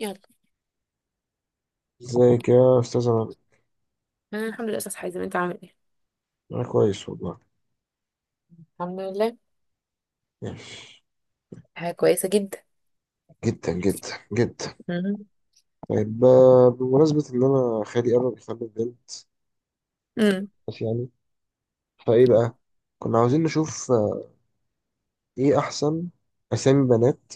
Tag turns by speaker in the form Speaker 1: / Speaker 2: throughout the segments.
Speaker 1: يلا.
Speaker 2: ازيك يا استاذ عماد؟
Speaker 1: انا الحمد لله استاذ حازم، انت عامل ايه؟
Speaker 2: انا كويس والله.
Speaker 1: الحمد لله.
Speaker 2: ماشي.
Speaker 1: حاجة كويسة جدا.
Speaker 2: جدا جدا جدا.
Speaker 1: مهم.
Speaker 2: طيب، بمناسبة ان انا خالي قرب يخلف بنت.
Speaker 1: امم.
Speaker 2: بس يعني، فايه بقى. كنا عاوزين نشوف ايه احسن اسامي بنات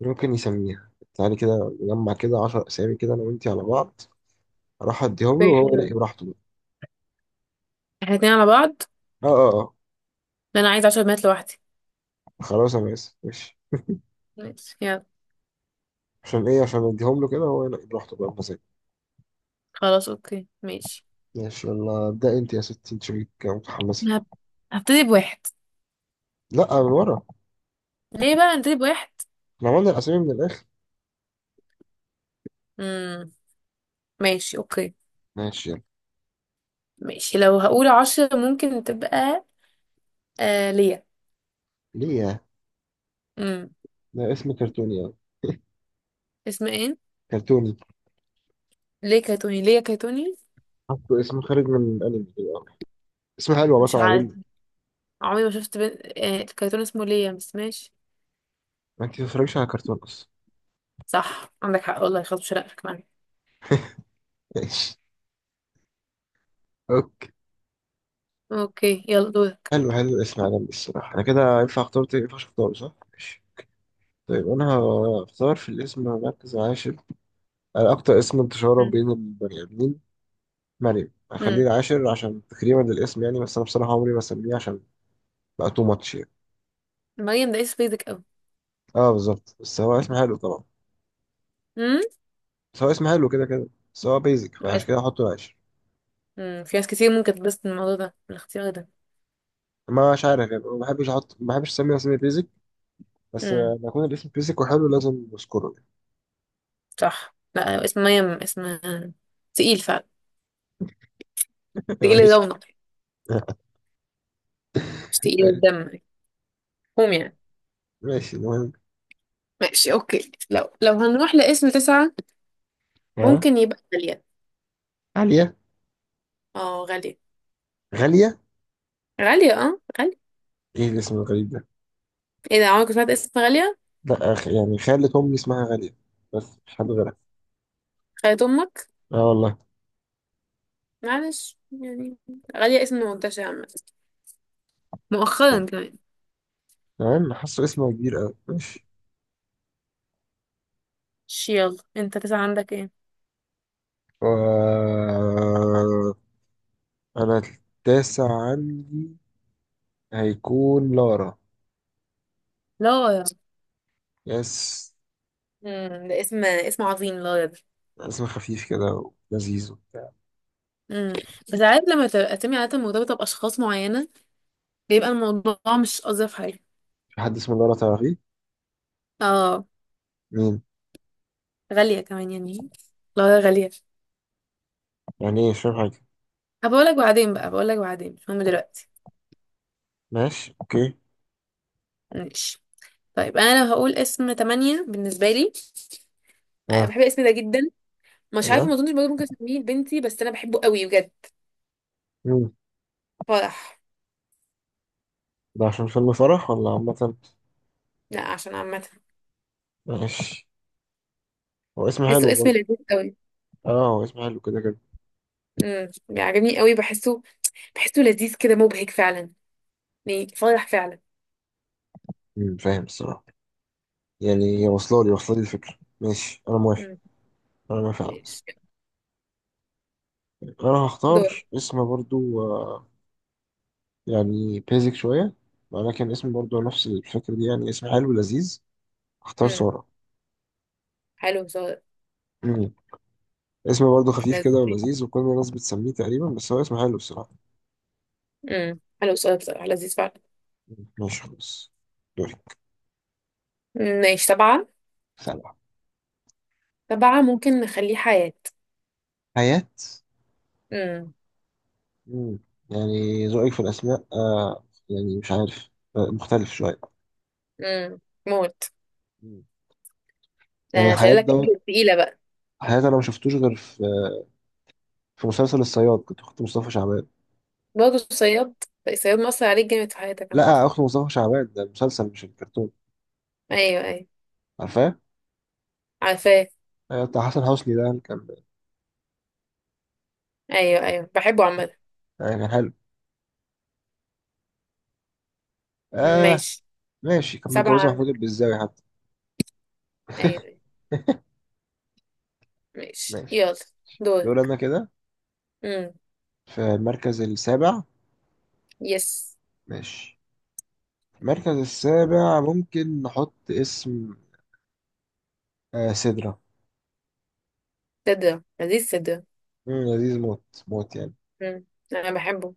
Speaker 2: ممكن يسميها. تعالي كده نجمع كده 10 اسامي كده انا وانتي على بعض، اروح اديهم له
Speaker 1: اوكي، حلو
Speaker 2: وهو
Speaker 1: ده.
Speaker 2: ينقي براحته بقى.
Speaker 1: احنا اتنين على بعض؟
Speaker 2: اه اه اه.
Speaker 1: انا عايزه 10 بنات لوحدي.
Speaker 2: خلاص انا اسف. ماشي.
Speaker 1: ماشي يلا.
Speaker 2: عشان ايه؟ عشان اديهم له كده وهو ينقي براحته بقى بمزاجه.
Speaker 1: خلاص اوكي ماشي.
Speaker 2: ماشي، يلا ابدأ انت يا ستي، انت شكلك متحمسة.
Speaker 1: هب- هبتدي بواحد.
Speaker 2: لا، من ورا.
Speaker 1: ليه بقى هبتدي بواحد؟
Speaker 2: احنا عملنا الاسامي من الاخر.
Speaker 1: امم. ماشي اوكي.
Speaker 2: ماشي.
Speaker 1: ماشي، لو هقول 10 ممكن تبقى ليا.
Speaker 2: ليه يا؟
Speaker 1: امم.
Speaker 2: ده اسم كرتوني أوي.
Speaker 1: اسمها ايه؟
Speaker 2: كرتوني.
Speaker 1: ليه كرتوني؟ ليا كرتوني؟
Speaker 2: حطوا اسم خارج من الأنمي كده أوي. اسم حلو يا
Speaker 1: مش
Speaker 2: بطل،
Speaker 1: عارف.
Speaker 2: عجبني.
Speaker 1: عمري ما شفت بنت آه كرتون اسمه ليا، بس ماشي.
Speaker 2: ما أنت بتتفرجش على كرتون أصلا.
Speaker 1: صح، عندك حق والله. خلاص مش هرقك معايا.
Speaker 2: ماشي. أوكي.
Speaker 1: اوكي يلا دورك.
Speaker 2: حلو حلو الاسم عجبني الصراحة. أنا كده ينفع أختار تاني؟ ينفع أختار، صح؟ ماشي. طيب أنا هختار في الاسم مركز عاشر. أنا أكتر اسم انتشارا بين البني آدمين، مريم، هخليه
Speaker 1: امم،
Speaker 2: العاشر عشان تكريما للاسم يعني. بس أنا بصراحة عمري ما أسميه، عشان بقى تو ماتش يعني.
Speaker 1: مريم ده اسم بيزك قوي.
Speaker 2: أه بالظبط، بس هو اسم حلو طبعا.
Speaker 1: امم.
Speaker 2: بس هو اسم حلو كده كده. بس هو بيزك، فعشان
Speaker 1: اسم.
Speaker 2: كده هحطه العاشر.
Speaker 1: امم، في ناس كتير ممكن تتبسط من الموضوع ده، من الاختيار ده.
Speaker 2: مش عارف يعني، ما بحبش اسمي بيزك. بس
Speaker 1: امم.
Speaker 2: لما يكون الاسم بيزك وحلو لازم اذكره.
Speaker 1: صح، لا اسم مريم اسم تقيل فعلا. تقيل
Speaker 2: ماشي.
Speaker 1: الرونق، مش تقيل الدم. هم يعني.
Speaker 2: ماشي المهم.
Speaker 1: ماشي اوكي. لو هنروح لاسم تسعة،
Speaker 2: ها.
Speaker 1: ممكن يبقى غالية.
Speaker 2: عالية.
Speaker 1: اه غالية.
Speaker 2: غالية.
Speaker 1: غالية. اه غالية.
Speaker 2: ايه الاسم الغريب ده؟
Speaker 1: ايه ده، عمرك ما سمعت اسم غالية؟
Speaker 2: لا، يعني خالة امي اسمها غالية، بس مش حد غيرها.
Speaker 1: خالة امك.
Speaker 2: اه والله.
Speaker 1: معلش يعني. غالية اسم منتشر عامة، مؤخرا كمان.
Speaker 2: تمام، حاسه اسمه كبير قوي. ماشي.
Speaker 1: يلا، انت تسعة عندك ايه؟
Speaker 2: و... انا التاسع عندي هيكون لارا.
Speaker 1: لارا.
Speaker 2: يس.
Speaker 1: امم، ده اسم، اسم عظيم لارا ده.
Speaker 2: اسم خفيف كده ولذيذ وبتاع.
Speaker 1: امم. بس عارف لما تبقى اسامي عادة مرتبطة بأشخاص معينة، بيبقى الموضوع مش أظرف حاجة.
Speaker 2: في حد اسمه لارا تعرفيه؟
Speaker 1: اه.
Speaker 2: مين؟
Speaker 1: غالية كمان يعني. لا غالية.
Speaker 2: يعني ايه؟ مش فاهم حاجة.
Speaker 1: هبقولك بعدين بقى، بقولك بعدين، مش مهم دلوقتي.
Speaker 2: ماشي اوكي.
Speaker 1: ماشي. طيب، أنا لو هقول اسم تمانية بالنسبة لي، أنا
Speaker 2: اه.
Speaker 1: بحب الاسم ده جدا. مش عارفة، ما
Speaker 2: ايوه.
Speaker 1: أظنش برضه ممكن أسميه لبنتي، بس أنا بحبه قوي بجد.
Speaker 2: مم.
Speaker 1: فرح.
Speaker 2: ده عشان فيلم فرح ولا عامة؟
Speaker 1: لا عشان عامة.
Speaker 2: ماشي. هو اسم
Speaker 1: بحسه
Speaker 2: حلو
Speaker 1: اسم
Speaker 2: برضه.
Speaker 1: لذيذ قوي.
Speaker 2: اه، هو اسم حلو كده كده.
Speaker 1: امم، بيعجبني قوي، بحسه، بحسه لذيذ كده، مبهج فعلا. يعني فرح فعلا.
Speaker 2: فاهم الصراحة. يعني واصلة لي الفكرة. ماشي، انا موافق.
Speaker 1: امم.
Speaker 2: انا موافق على الاسم.
Speaker 1: ماشي.
Speaker 2: انا
Speaker 1: دول.
Speaker 2: هختار اسم برضه. آه، يعني بيزك شوية، ولكن اسم برضه نفس الفكرة دي، يعني اسم حلو لذيذ. هختار
Speaker 1: امم.
Speaker 2: سارة.
Speaker 1: حلو.
Speaker 2: مم. اسم برضه خفيف كده
Speaker 1: لذيذ.
Speaker 2: ولذيذ وكل الناس بتسميه تقريبا، بس هو اسم حلو الصراحة.
Speaker 1: امم، حلو السؤال بصراحة، لذيذ فعلا.
Speaker 2: ماشي خلاص. دوري.
Speaker 1: مم، ماشي. سبعة.
Speaker 2: سلام.
Speaker 1: سبعة ممكن نخليه حياة.
Speaker 2: حياة.
Speaker 1: امم.
Speaker 2: مم. يعني ذوقك في الأسماء يعني مش عارف، مختلف شوية.
Speaker 1: امم، موت.
Speaker 2: مم.
Speaker 1: ده
Speaker 2: يعني
Speaker 1: انا
Speaker 2: حياة
Speaker 1: شايل لك
Speaker 2: دوت.
Speaker 1: رجل تقيلة بقى.
Speaker 2: حياة أنا ما شفتوش غير في مسلسل الصياد، كنت أخت مصطفى شعبان.
Speaker 1: برضه الصياد. الصياد مأثر عليك جامد في حياتك عامة.
Speaker 2: لا، أخت مصطفى شعبان ده المسلسل مش الكرتون.
Speaker 1: ايوه ايوه،
Speaker 2: عارفاه.
Speaker 1: عارفاه.
Speaker 2: بتاع حسن حسني ده اللي كان.
Speaker 1: ايوه ايوه، بحبه عامة.
Speaker 2: يعني كان حلو. آه.
Speaker 1: ماشي.
Speaker 2: ماشي. كان
Speaker 1: سبعة
Speaker 2: متجوزة محمود
Speaker 1: عندك.
Speaker 2: البزاوي حتى.
Speaker 1: ايوه أيوة. ماشي
Speaker 2: ماشي.
Speaker 1: يلا.
Speaker 2: دول
Speaker 1: دورك.
Speaker 2: أنا كده
Speaker 1: امم.
Speaker 2: في المركز السابع.
Speaker 1: يس.
Speaker 2: ماشي، المركز السابع ممكن نحط اسم سدرة.
Speaker 1: صدرة، لذيذ صدرة.
Speaker 2: لذيذ موت موت يعني.
Speaker 1: امم، انا بحبه.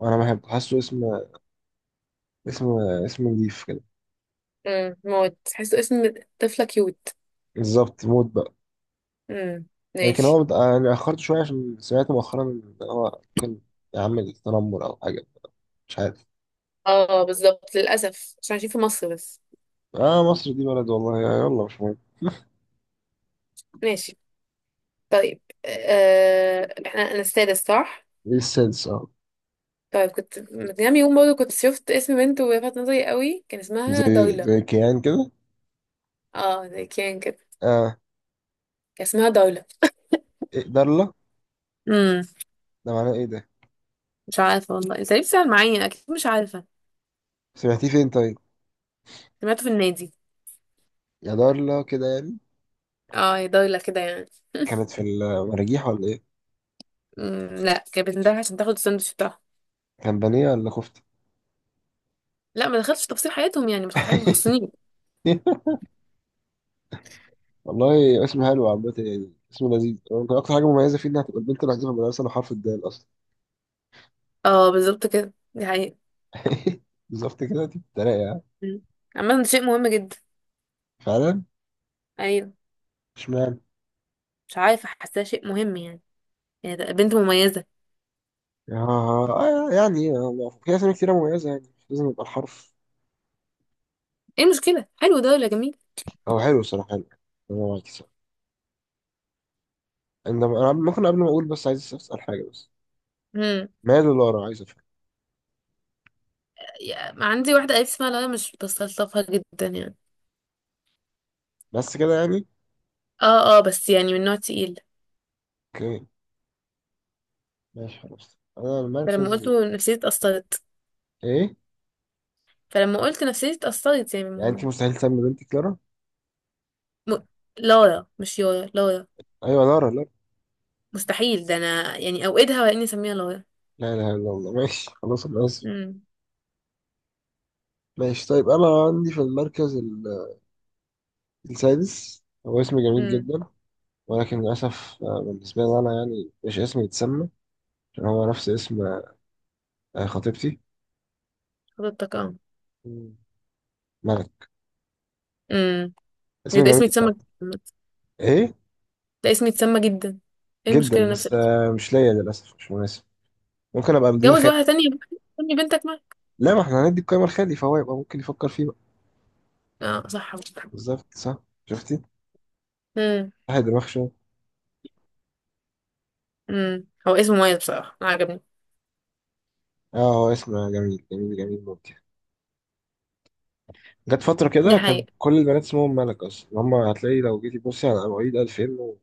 Speaker 2: وانا بحب، حاسه اسم اسم نضيف كده.
Speaker 1: امم، موت، تحسه اسم طفلة كيوت.
Speaker 2: بالظبط موت بقى.
Speaker 1: امم.
Speaker 2: لكن
Speaker 1: ماشي.
Speaker 2: هو انا اخرت شويه عشان سمعت مؤخرا ان هو ممكن يعمل تنمر او حاجه. مش عارف.
Speaker 1: اه بالظبط، للأسف عشان عايشين في مصر بس.
Speaker 2: اه، مصر دي بلد والله. يلا مش مهم.
Speaker 1: ماشي. طيب آه، احنا انا السادس صح؟
Speaker 2: دي السادس، اه.
Speaker 1: طيب، كنت من كام يوم برضه كنت شفت اسم بنت ولفت نظري قوي، كان اسمها
Speaker 2: زي
Speaker 1: دولة.
Speaker 2: زي كيان كده.
Speaker 1: اه زي كان كده.
Speaker 2: اه.
Speaker 1: كان اسمها دولة.
Speaker 2: إيه، دارلا؟
Speaker 1: امم.
Speaker 2: ده معناه ايه ده؟
Speaker 1: مش عارفه والله، انت ليه بتسال معايا؟ اكيد مش عارفه.
Speaker 2: سمعتيه فين طيب؟
Speaker 1: سمعته في النادي.
Speaker 2: يا دارلا كده يعني.
Speaker 1: اه، هي دولة كده يعني.
Speaker 2: كانت في المراجيح ولا ايه؟
Speaker 1: امم، لا كانت بتنده عشان تاخد الساندوتش بتاعها.
Speaker 2: كان بانيه ولا كفته؟
Speaker 1: لا، ما دخلتش في تفاصيل حياتهم يعني، مش حاجه ما تخصنيش.
Speaker 2: والله اسم حلو عامة يعني، اسم لذيذ. ممكن أكتر حاجة مميزة فيه إنها تبقى البنت الوحيدة في المدرسة اللي حرف الدال أصلا.
Speaker 1: اه بالظبط كده، دي حقيقه.
Speaker 2: بالظبط كده، دي بتتريق يعني.
Speaker 1: مم. عامه ده شيء مهم جدا.
Speaker 2: فعلا.
Speaker 1: يعني.
Speaker 2: اشمعنى؟
Speaker 1: مش عارفة، حاساه شيء مهم يعني. يعني ده بنت مميزة.
Speaker 2: آه. يعني في أسامي كتيرة مميزة، يعني مش لازم يبقى الحرف.
Speaker 1: ايه المشكلة، حلو ده ولا جميل؟
Speaker 2: هو حلو الصراحة، حلو. أنا معاك الصراحة. إنما أنا ممكن قبل ما أقول، بس عايز أسأل حاجة بس.
Speaker 1: امم.
Speaker 2: ماله لورا؟ عايز أفهم.
Speaker 1: عندي واحدة قريبتي اسمها، لا مش بستلطفها جدا يعني.
Speaker 2: بس كده يعني.
Speaker 1: اه اه، بس يعني من نوع تقيل.
Speaker 2: أوكي. ماشي خلاص، أنا
Speaker 1: فلما
Speaker 2: المركز
Speaker 1: قلت له نفسيتي اتأثرت.
Speaker 2: إيه؟
Speaker 1: فلما قلت نفسيتي اتأثرت، يعني
Speaker 2: يعني أنت مستحيل تسمي بنتك لورا؟
Speaker 1: م... لارا مش يارا، لارا.
Speaker 2: أيوة، لورا لورا.
Speaker 1: مستحيل، ده انا يعني اوقدها ولا اني اسميها لارا.
Speaker 2: لا إله إلا الله. ماشي خلاص، أنا آسف.
Speaker 1: امم.
Speaker 2: ماشي طيب، أنا عندي في المركز السادس، هو اسم جميل
Speaker 1: امم.
Speaker 2: جدا. ولكن للأسف، بالنسبة لي أنا يعني مش اسمي يتسمى، عشان هو نفس اسم خطيبتي.
Speaker 1: حضرتك اه.
Speaker 2: مم. ملك.
Speaker 1: امم.
Speaker 2: اسم
Speaker 1: ده اسم
Speaker 2: جميل
Speaker 1: يتسمى
Speaker 2: طبعا.
Speaker 1: جداً.
Speaker 2: إيه؟
Speaker 1: ده اسم يتسمى جدا. ايه
Speaker 2: جدا،
Speaker 1: المشكلة، نفس
Speaker 2: بس
Speaker 1: الاسم.
Speaker 2: مش ليا للأسف، مش مناسب. ممكن أبقى مدير
Speaker 1: جوز
Speaker 2: خالي.
Speaker 1: واحدة تانية بقى، خلي بنتك معاك.
Speaker 2: لا، ما إحنا هندي القايمة لخالي، فهو يبقى ممكن يفكر فيه بقى.
Speaker 1: اه صح.
Speaker 2: بالظبط، صح. شفتي؟
Speaker 1: امم.
Speaker 2: واحد دماغ شوية.
Speaker 1: امم، هو اسمه مميز بصراحة، أنا عجبني.
Speaker 2: آه، هو اسم جميل جميل جميل ممتع. جت فترة
Speaker 1: دي
Speaker 2: كده كان
Speaker 1: حقيقة.
Speaker 2: كل البنات اسمهم ملك أصلا. هم هتلاقي لو جيتي تبصي على مواعيد 2000 و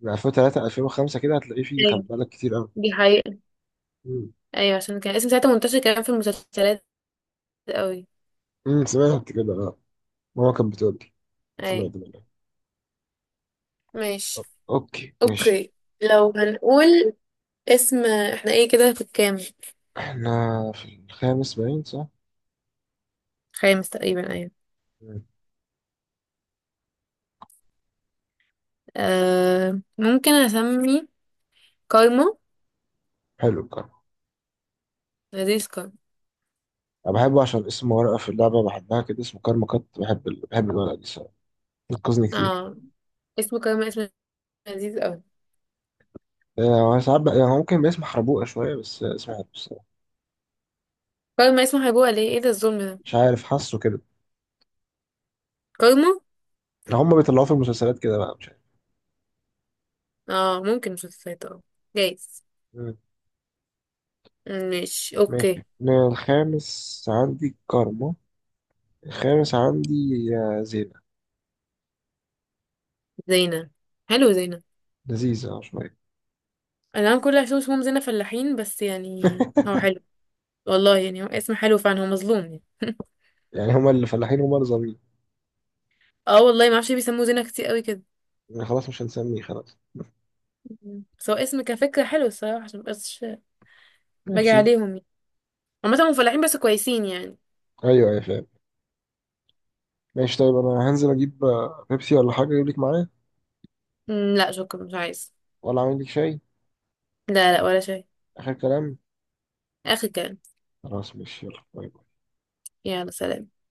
Speaker 2: من 2003 2005 كده هتلاقي فيه
Speaker 1: ايوه،
Speaker 2: ملك كتير أوي.
Speaker 1: دي حقيقة.
Speaker 2: مم.
Speaker 1: ايوه، عشان كان اسم ساعتها منتشر كمان في المسلسلات قوي.
Speaker 2: سمعت كده اه. ماما كانت بتقول،
Speaker 1: ايوه.
Speaker 2: سمعت منك.
Speaker 1: ماشي
Speaker 2: أو- اوكي ماشي.
Speaker 1: اوكي. لو هنقول اسم، احنا ايه كده في الكام؟
Speaker 2: احنا في الخامس باين، صح؟
Speaker 1: خامس تقريبا، ايوه.
Speaker 2: مم.
Speaker 1: ممكن اسمي كارما.
Speaker 2: حلو، الكرم.
Speaker 1: لذيذ كارما.
Speaker 2: انا بحبه عشان اسم ورقة في اللعبة بحبها كده، اسمه كارما كات. بحب الورقة دي الصراحة. بتنقذني كتير.
Speaker 1: اه، اسم كارما اسم لذيذ قوي.
Speaker 2: هو ساعات بقى يعني هو ممكن باسم حربوقة شوية، بس اسمه حلو الصراحة.
Speaker 1: كارما اسمه هيبقى ليه؟ ايه، إيه ده، الظلم ده
Speaker 2: مش عارف، حاسه كده.
Speaker 1: كارما.
Speaker 2: يعني هما بيطلعوه في المسلسلات كده بقى، مش عارف.
Speaker 1: اه ممكن مسلسلات، اه جايز.
Speaker 2: مم.
Speaker 1: ماشي
Speaker 2: ماشي،
Speaker 1: اوكي.
Speaker 2: أنا الخامس عندي كارما. الخامس عندي زينة.
Speaker 1: زينة. حلو زينة.
Speaker 2: لذيذة شوية.
Speaker 1: انا نعم، كل اللي حشوش هم زينة فلاحين، بس يعني هو حلو. والله يعني هو اسم حلو فعلا، هو مظلوم يعني.
Speaker 2: يعني هما اللي فلاحين هما اللي ظالمين.
Speaker 1: اه والله، ما اعرفش ليه بيسموه زينة كتير قوي كده.
Speaker 2: يعني خلاص مش هنسميه، خلاص.
Speaker 1: مم. بس هو اسم كفكرة حلو الصراحة، عشان مبقاش باجي
Speaker 2: ماشي.
Speaker 1: عليهم يعني. عامة هم فلاحين بس كويسين يعني.
Speaker 2: ايوه ايوه فاهم. ماشي طيب، انا هنزل اجيب بيبسي ولا حاجه، اجيب لك معايا؟
Speaker 1: مم، لا شكرا، مش عايز.
Speaker 2: ولا اعمل لك شاي؟
Speaker 1: لا لا، ولا شيء.
Speaker 2: اخر كلام.
Speaker 1: اخر كلام.
Speaker 2: خلاص ماشي، يلا باي. باي.
Speaker 1: يلا سلام.